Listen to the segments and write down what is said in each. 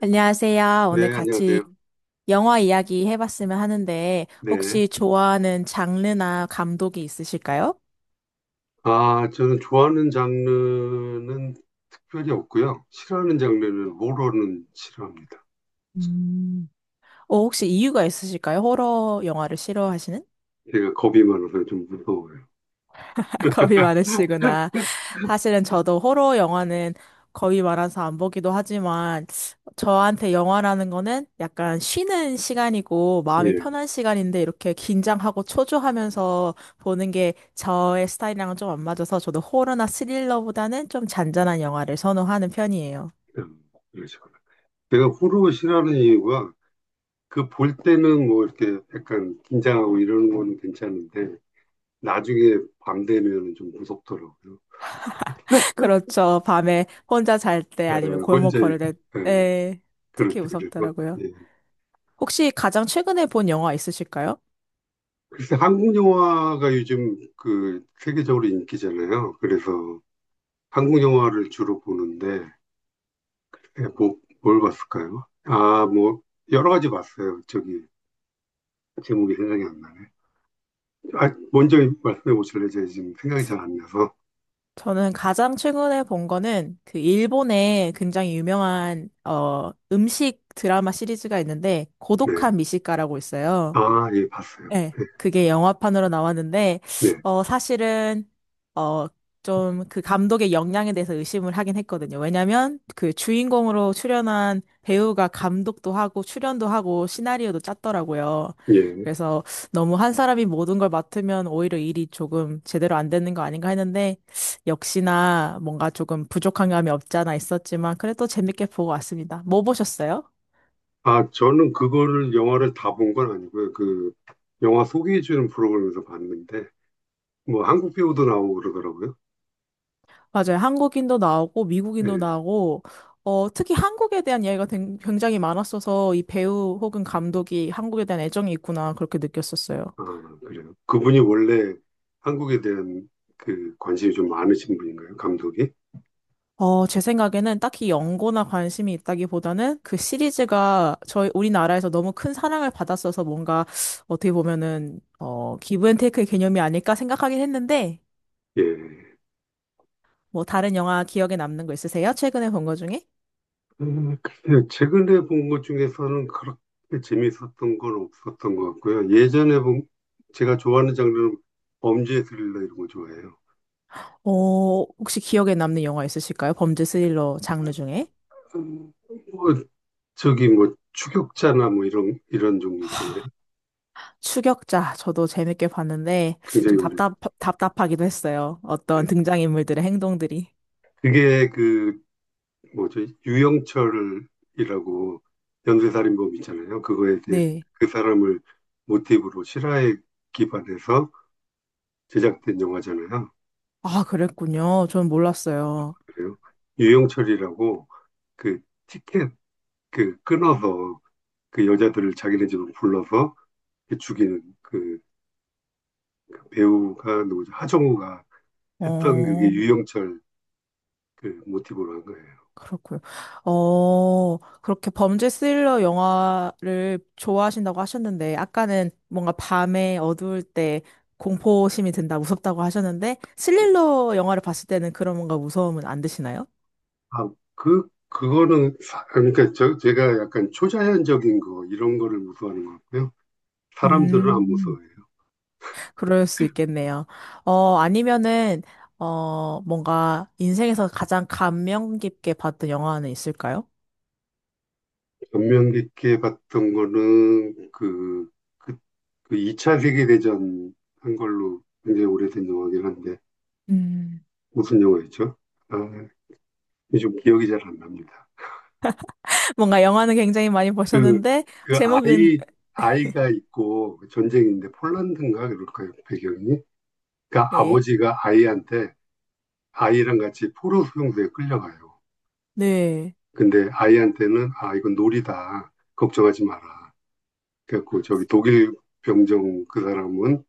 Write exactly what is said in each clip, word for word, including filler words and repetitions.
안녕하세요. 오늘 네, 같이 안녕하세요. 영화 이야기 해봤으면 하는데, 네. 혹시 좋아하는 장르나 감독이 있으실까요? 아, 저는 좋아하는 장르는 특별히 없고요. 싫어하는 장르는 호러는 싫어합니다. 음. 어, 혹시 이유가 있으실까요? 호러 영화를 싫어하시는? 제가 겁이 많아서 좀 무서워요. 겁이 많으시구나. 사실은 저도 호러 영화는 거의 많아서 안 보기도 하지만 저한테 영화라는 거는 약간 쉬는 시간이고 마음이 예, 편한 시간인데 이렇게 긴장하고 초조하면서 보는 게 저의 스타일이랑은 좀 안 맞아서 저도 호러나 스릴러보다는 좀 잔잔한 영화를 선호하는 편이에요. 음, 그런 식으로. 내가 호러 싫어하는 이유가 그 볼 때는 뭐 이렇게 약간 긴장하고 이러는 거는 괜찮은데 나중에 밤 되면 좀 무섭더라고요. 그렇죠. 밤에 혼자 잘 때 에, 아니면 골목 혼자 에, 걸을 때 에, 그럴 특히 때 그래서 무섭더라고요. 예. 혹시 가장 최근에 본 영화 있으실까요? 글쎄 한국 영화가 요즘 그 세계적으로 인기잖아요. 그래서 한국 영화를 주로 보는데 예, 뭐, 뭘 봤을까요? 아, 뭐 여러 가지 봤어요. 저기 제목이 생각이 안 나네. 아, 먼저 말씀해 보실래요? 제가 지금 생각이 잘 안 나서. 저는 가장 최근에 본 거는 그 일본의 굉장히 유명한 어 음식 드라마 시리즈가 있는데 네. 고독한 미식가라고 있어요. 아, 예, 봤어요. 네, 그게 영화판으로 나왔는데, 네. 어, 사실은, 어, 좀 그 감독의 역량에 대해서 의심을 하긴 했거든요. 왜냐면 그 주인공으로 출연한 배우가 감독도 하고 출연도 하고 시나리오도 짰더라고요. 네. 예. 그래서 너무 한 사람이 모든 걸 맡으면 오히려 일이 조금 제대로 안 되는 거 아닌가 했는데, 역시나 뭔가 조금 부족한 감이 없지 않아 있었지만, 그래도 재밌게 보고 왔습니다. 뭐 보셨어요? 아, 저는 그거를 영화를 다 본 건 아니고요. 그 영화 소개해 주는 프로그램에서 봤는데 뭐 한국 배우도 나오고 그러더라고요. 맞아요. 한국인도 나오고 미국인도 예. 나오고 어, 특히 한국에 대한 이야기가 된- 굉장히 많았어서 이 배우 혹은 감독이 한국에 대한 애정이 있구나 그렇게 느꼈었어요. 아, 그래요. 그분이 원래 한국에 대한 그 관심이 좀 많으신 분인가요? 감독이? 어, 제 생각에는 딱히 연고나 관심이 있다기보다는 그 시리즈가 저희 우리나라에서 너무 큰 사랑을 받았어서 뭔가 어떻게 보면은 어, 기브앤테이크의 개념이 아닐까 생각하긴 했는데 예. 뭐 다른 영화 기억에 남는 거 있으세요? 최근에 본 거 중에? 음, 글쎄요. 최근에 본 것 중에서는 그렇게 재밌었던 건 없었던 것 같고요. 예전에 본, 제가 좋아하는 장르는 범죄 스릴러 이런 거 좋아해요. 어, 혹시 기억에 남는 영화 있으실까요? 범죄 스릴러 장르 중에? 음, 뭐, 저기 뭐, 추격자나 뭐 이런, 이런 종류 있잖아요. 추격자 저도 재밌게 봤는데 굉장히 좀 오래된. 답답 답답하기도 했어요. 예. 어떤 등장인물들의 행동들이. 그게 그, 뭐죠, 유영철이라고 연쇄살인범 있잖아요. 그거에 대해 네. 그 사람을 모티브로 실화에 기반해서 제작된 영화잖아요. 아, 그랬군요. 전 몰랐어요. 그래요. 유영철이라고 그 티켓 그 끊어서 그 여자들을 자기네 집으로 불러서 죽이는 그 배우가 누구죠? 하정우가 했던 그게 어, 유영철 그 모티브로 한 거예요. 그렇고요. 어, 그렇게 범죄 스릴러 영화를 좋아하신다고 하셨는데 아까는 뭔가 밤에 어두울 때 공포심이 든다, 무섭다고 하셨는데 예. 스릴러 영화를 봤을 때는 그런 뭔가 무서움은 안 드시나요? 아, 그, 그거는, 사- 그러니까 저, 제가 약간 초자연적인 거, 이런 거를 무서워하는 것 같고요. 사람들은 안 음. 무서워해요. 그럴 수 있겠네요. 어, 아니면은, 어, 뭔가 인생에서 가장 감명 깊게 봤던 영화는 있을까요? 감명 깊게 봤던 거는 그, 그, 그 이 차 세계대전 한 걸로 굉장히 오래된 영화긴 한데, 음. 무슨 영화였죠? 아, 요즘 기억이 잘 안 납니다. 뭔가 영화는 굉장히 많이 그, 보셨는데, 그 제목은, 아이, 아이가 있고 전쟁인데 폴란드인가 그럴까요? 배경이? 그러니까 네, 아버지가 아이한테 아이랑 같이 포로 수용소에 끌려가요. 네. 근데 아이한테는 아, 이건 놀이다. 걱정하지 마라. 그래갖고 저기 독일 병정 그 사람은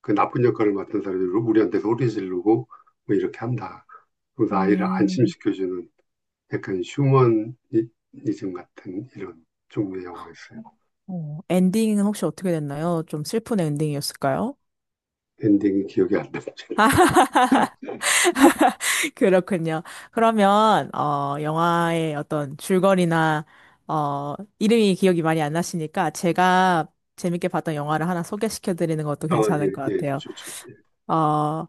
그 나쁜 역할을 맡은 사람이 우리한테 소리 지르고 뭐 이렇게 한다. 그래서 아이를 음, 안심시켜주는 약간 휴머니즘 같은 이런 종류의 영화였어요. 어, 엔딩은 혹시 어떻게 됐나요? 좀 슬픈 엔딩이었을까요? 엔딩이 기억이 안 납니다. 그렇군요. 그러면, 어, 영화의 어떤 줄거리나, 어, 이름이 기억이 많이 안 나시니까 제가 재밌게 봤던 영화를 하나 소개시켜 드리는 것도 아, 괜찮을 것 예, 예, 같아요. 좋죠. 예. 어,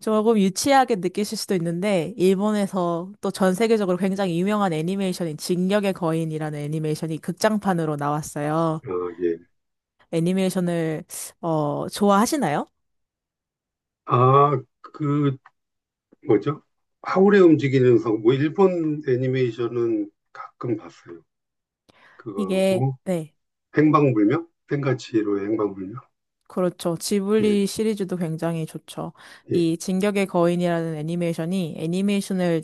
조금 유치하게 느끼실 수도 있는데, 일본에서 또 전 세계적으로 굉장히 유명한 애니메이션인 진격의 거인이라는 애니메이션이 극장판으로 나왔어요. 아, 예. 애니메이션을, 어, 좋아하시나요? 아, 그, 뭐죠? 하울의 움직이는 성, 뭐, 일본 애니메이션은 가끔 봤어요. 이게, 그거하고, 네, 행방불명? 생가치로 행방불명? 그렇죠. 예, 지블리 시리즈도 굉장히 좋죠. 예. 이 진격의 거인이라는 애니메이션이 애니메이션을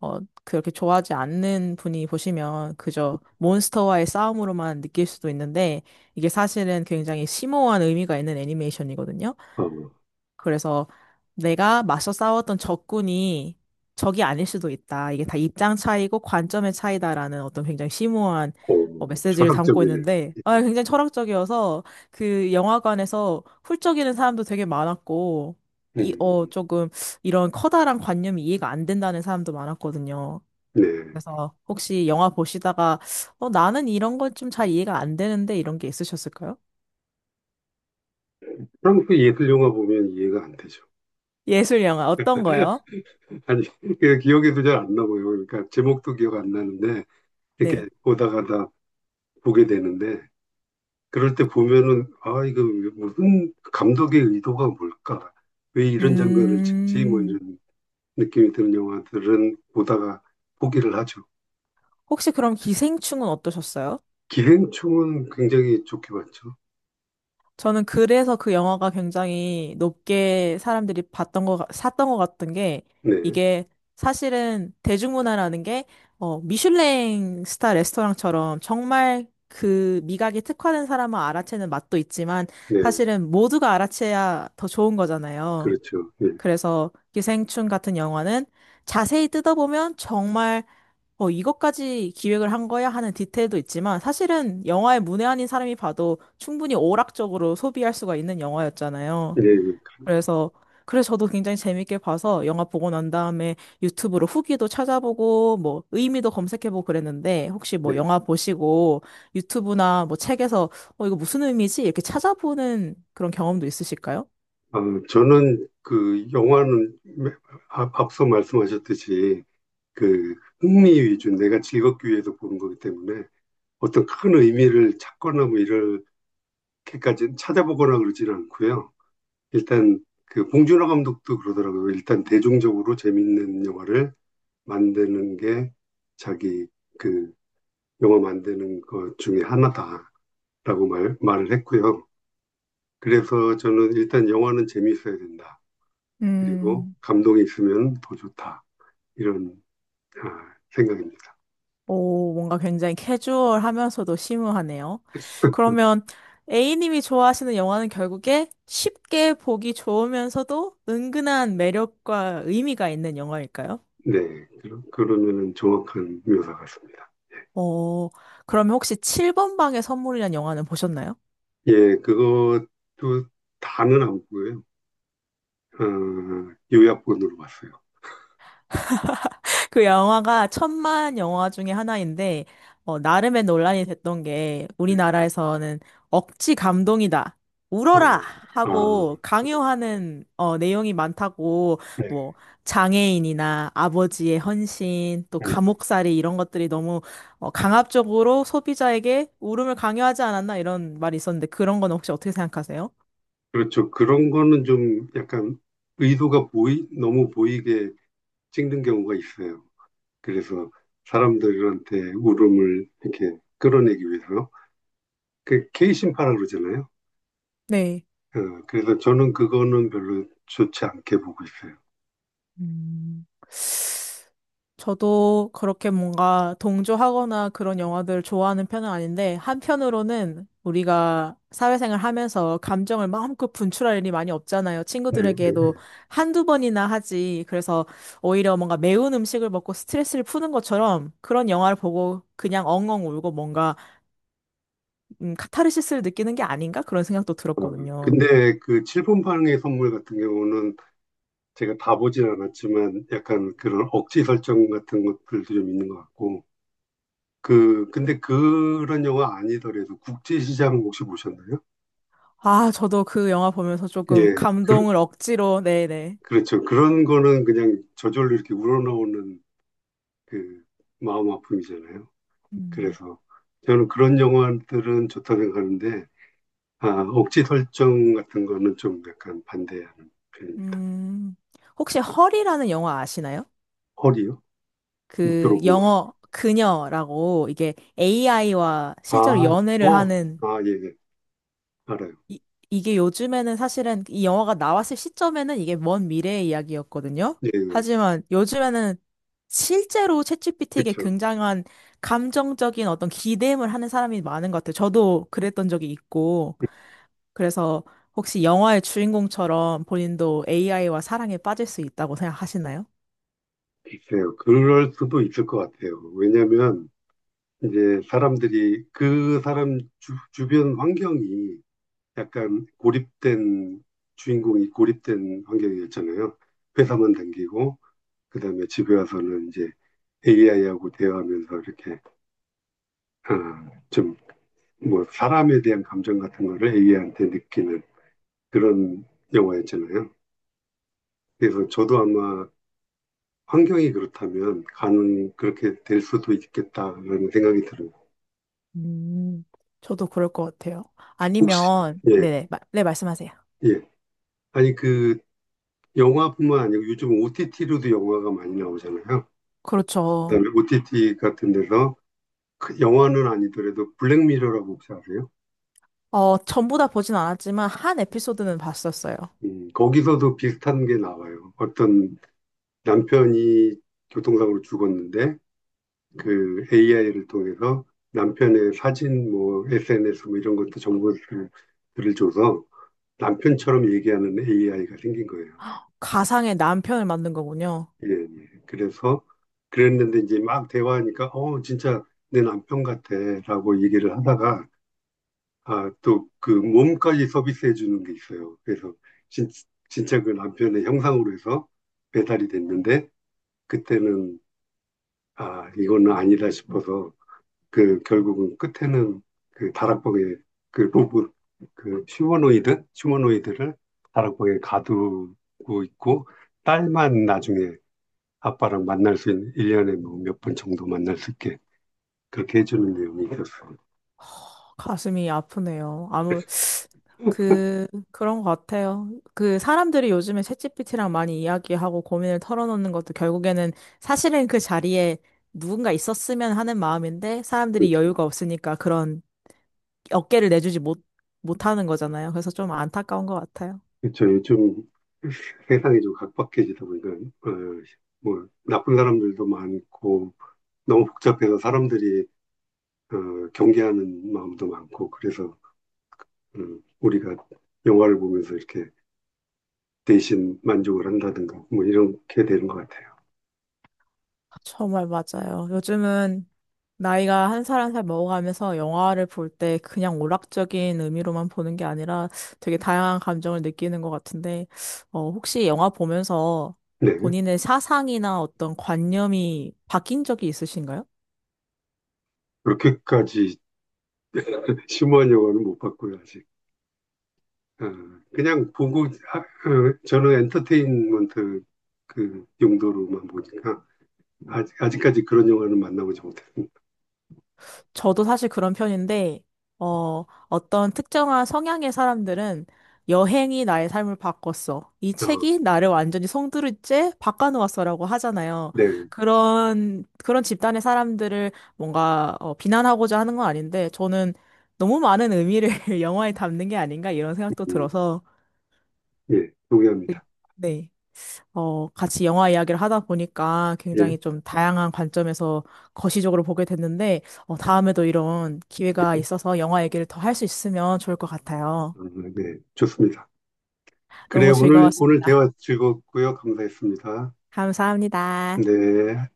어, 그렇게 좋아하지 않는 분이 보시면 그저 몬스터와의 싸움으로만 느낄 수도 있는데 이게 사실은 굉장히 심오한 의미가 있는 애니메이션이거든요. 어, 그래서 내가 맞서 싸웠던 적군이 적이 아닐 수도 있다. 이게 다 입장 차이고 관점의 차이다라는 어떤 굉장히 심오한 어, 오, 메시지를 담고 철학적이네요. 있는데, 아, 예. 굉장히 철학적이어서 그 영화관에서 훌쩍이는 사람도 되게 많았고, 이, 음, 어, 조금 이런 커다란 관념이 이해가 안 된다는 사람도 많았거든요. 네. 그래서 혹시 영화 보시다가, 어, 나는 이런 건 좀 잘 이해가 안 되는데 이런 게 있으셨을까요? 프랑스 예술 영화 보면 이해가 안 되죠. 예술 영화 어떤 거요? 아니, 그 기억에도 잘 안 나고요. 그러니까 제목도 기억 안 나는데, 네. 이렇게 보다 가다 보게 되는데, 그럴 때 보면은 아 이거 무슨 감독의 의도가 뭘까? 왜 이런 장면을 찍지? 뭐 음. 이런 느낌이 드는 영화들은 보다가 포기를 하죠. 혹시 그럼 기생충은 어떠셨어요? 기생충은 굉장히 좋게 봤죠. 저는 그래서 그 영화가 굉장히 높게 사람들이 봤던 거, 같- 샀던 것 같은 게 네, 이게 사실은 대중문화라는 게 어, 미슐랭 스타 레스토랑처럼 정말 그 미각이 특화된 사람만 알아채는 맛도 있지만 네, 사실은 모두가 알아채야 더 좋은 거잖아요. 그렇죠. 네, 그래서 기생충 같은 영화는 자세히 뜯어보면 정말 어, 이것까지 기획을 한 거야 하는 디테일도 있지만 사실은 영화의 문외한인 사람이 봐도 충분히 오락적으로 소비할 수가 있는 영화였잖아요. 예, 예, 그럼요. 그래서 그래서 저도 굉장히 재밌게 봐서 영화 보고 난 다음에 유튜브로 후기도 찾아보고 뭐 의미도 검색해보고 그랬는데 혹시 네. 뭐 영화 보시고 유튜브나 뭐 책에서 어, 이거 무슨 의미지? 이렇게 찾아보는 그런 경험도 있으실까요? 아, 저는 그 영화는 앞- 앞서 말씀하셨듯이 그 흥미 위주, 내가 즐겁기 위해서 보는 거기 때문에 어떤 큰 의미를 찾거나 뭐 이렇게까지 찾아보거나 그러지는 않고요. 일단 그 봉준호 감독도 그러더라고요. 일단 대중적으로 재밌는 영화를 만드는 게 자기 그 영화 만드는 것 중에 하나다라고 말, 말을 했고요. 그래서 저는 일단 영화는 재미있어야 된다. 그리고 음. 감동이 있으면 더 좋다. 이런 아, 생각입니다. 오, 뭔가 굉장히 캐주얼하면서도 심오하네요. 그러면 A님이 좋아하시는 영화는 결국에 쉽게 보기 좋으면서도 은근한 매력과 의미가 있는 영화일까요? 네. 그러, 면은 정확한 묘사 같습니다. 어, 그러면 혹시 칠 번 방의 선물이라는 영화는 보셨나요? 예, 그것도 다는 안 보고요. 어, 요약본으로 봤어요. 그 영화가 천만 영화 중에 하나인데, 어, 나름의 논란이 됐던 게, 네. 우리나라에서는 억지 감동이다. 아, 울어라! 아, 하고 강요하는, 어, 내용이 많다고, 네. 뭐, 장애인이나 아버지의 헌신, 또 음, 감옥살이 이런 것들이 너무, 어, 강압적으로 소비자에게 울음을 강요하지 않았나 이런 말이 있었는데, 그런 건 혹시 어떻게 생각하세요? 그렇죠. 그런 거는 좀 약간 의도가 보이, 너무 보이게 찍는 경우가 있어요. 그래서 사람들한테 울음을 이렇게 끌어내기 위해서. 그 케이신파라 그러잖아요. 네. 어, 그래서 저는 그거는 별로 좋지 않게 보고 있어요. 음. 저도 그렇게 뭔가 동조하거나 그런 영화들을 좋아하는 편은 아닌데, 한편으로는 우리가 사회생활 하면서 감정을 마음껏 분출할 일이 많이 없잖아요. 네, 네. 친구들에게도 한두 번이나 하지. 그래서 오히려 뭔가 매운 음식을 먹고 스트레스를 푸는 것처럼 그런 영화를 보고 그냥 엉엉 울고 뭔가 음, 카타르시스를 느끼는 게 아닌가? 그런 생각도 들었거든요. 근데 그 칠분방의 선물 같은 경우는 제가 다 보진 않았지만 약간 그런 억지 설정 같은 것들도 좀 있는 것 같고. 그, 근데 그런 영화 아니더라도 국제시장 혹시 보셨나요? 아, 저도 그 영화 보면서 조금 예, 그, 감동을 억지로, 네네. 그렇죠. 그런 거는 그냥 저절로 이렇게 우러나오는 그 마음 아픔이잖아요. 음. 그래서 저는 그런 영화들은 좋다 생각하는데, 아, 억지 설정 같은 거는 좀 약간 반대하는 편입니다. 음, 혹시 헐이라는 영화 아시나요? 헐이요? 못 그 들어본 것 같아요. 영어 그녀라고 이게 에이아이와 아, 실제로 연애를 어, 하는 아, 예, 예. 알아요. 이, 이게 요즘에는 사실은 이 영화가 나왔을 시점에는 이게 먼 미래의 이야기였거든요. 예, 예. 하지만 요즘에는 실제로 챗지피티에게 그렇죠. 굉장한 감정적인 어떤 기대임을 하는 사람이 많은 것 같아요. 저도 그랬던 적이 있고. 그래서 혹시 영화의 주인공처럼 본인도 에이아이와 사랑에 빠질 수 있다고 생각하시나요? 글쎄요. 그럴 수도 있을 것 같아요. 왜냐면, 이제 사람들이 그 사람 주, 주변 환경이 약간 고립된 주인공이 고립된 환경이었잖아요. 회사만 다니고 그다음에 집에 와서는 이제 에이아이하고 대화하면서 이렇게 아, 좀 뭐 사람에 대한 감정 같은 거를 에이아이한테 느끼는 그런 영화였잖아요. 그래서 저도 아마 환경이 그렇다면 가능 그렇게 될 수도 있겠다라는 생각이 들어요. 음, 저도 그럴 것 같아요. 혹시 아니면, 예, 네네, 마- 네, 말씀하세요. 예. 아니 그 영화뿐만 아니고 요즘 오티티로도 영화가 많이 나오잖아요. 그렇죠. 그다음에 오티티 같은 데서 그 영화는 아니더라도 블랙미러라고 혹시 아세요? 어, 전부 다 보진 않았지만, 한 에피소드는 봤었어요. 음, 거기서도 비슷한 게 나와요. 어떤 남편이 교통사고로 죽었는데 그 에이아이를 통해서 남편의 사진, 뭐 에스엔에스 뭐 이런 것도 정보들을 줘서 남편처럼 얘기하는 에이아이가 생긴 거예요. 가상의 남편을 만든 거군요. 예, 예. 그래서 그랬는데 이제 막 대화하니까 어 진짜 내 남편 같아라고 얘기를 하다가 아, 또 그 몸까지 서비스해 주는 게 있어요. 그래서 진, 진짜 그 남편의 형상으로 해서 배달이 됐는데 그때는 아, 이거는 아니다 싶어서 그 결국은 끝에는 그 다락방에 그 로봇 그 휴머노이드 휴머노이드를 다락방에 가두고 있고 딸만 나중에 아빠랑 만날 수 있는 일 년에 뭐 몇 번 정도 만날 수 있게 그렇게 해주는 내용이 있었어요. 허, 가슴이 아프네요. 아무, 그, 그런 것 같아요. 그, 사람들이 요즘에 챗지피티랑 많이 이야기하고 고민을 털어놓는 것도 결국에는 사실은 그 자리에 누군가 있었으면 하는 마음인데, 사람들이 그렇죠. 여유가 없으니까 그런 어깨를 내주지 못, 못하는 거잖아요. 그래서 좀 안타까운 것 같아요. 그렇죠. 요즘 세상이 좀 각박해지다 보니까 어, 뭐 나쁜 사람들도 많고 너무 복잡해서 사람들이 어, 경계하는 마음도 많고 그래서 음, 우리가 영화를 보면서 이렇게 대신 만족을 한다든가 뭐 이렇게 되는 것 같아요. 정말 맞아요. 요즘은 나이가 한 살 한 살 먹어가면서 영화를 볼 때 그냥 오락적인 의미로만 보는 게 아니라 되게 다양한 감정을 느끼는 것 같은데, 어, 혹시 영화 보면서 네. 본인의 사상이나 어떤 관념이 바뀐 적이 있으신가요? 그렇게까지 심오한 영화는 못 봤고요, 아직. 어, 그냥 보고 아, 어, 저는 엔터테인먼트 그 용도로만 보니까 아직, 아직까지 그런 영화는 만나보지 못했습니다. 저도 사실 그런 편인데, 어, 어떤 특정한 성향의 사람들은 여행이 나의 삶을 바꿨어. 이 어, 책이 나를 완전히 송두리째 바꿔놓았어라고 하잖아요. 네. 그런, 그런 집단의 사람들을 뭔가 어, 비난하고자 하는 건 아닌데, 저는 너무 많은 의미를 영화에 담는 게 아닌가 이런 생각도 음, 들어서, 예, 동의합니다. 네. 어, 같이 영화 이야기를 하다 보니까 예, 예, 굉장히 좀 다양한 관점에서 거시적으로 보게 됐는데, 어, 다음에도 이런 기회가 있어서 영화 얘기를 더 할 수 있으면 좋을 것 같아요. 아, 네, 좋습니다. 그래, 너무 오늘, 오늘 즐거웠습니다. 대화 즐겁고요. 감사했습니다. 감사합니다. 네.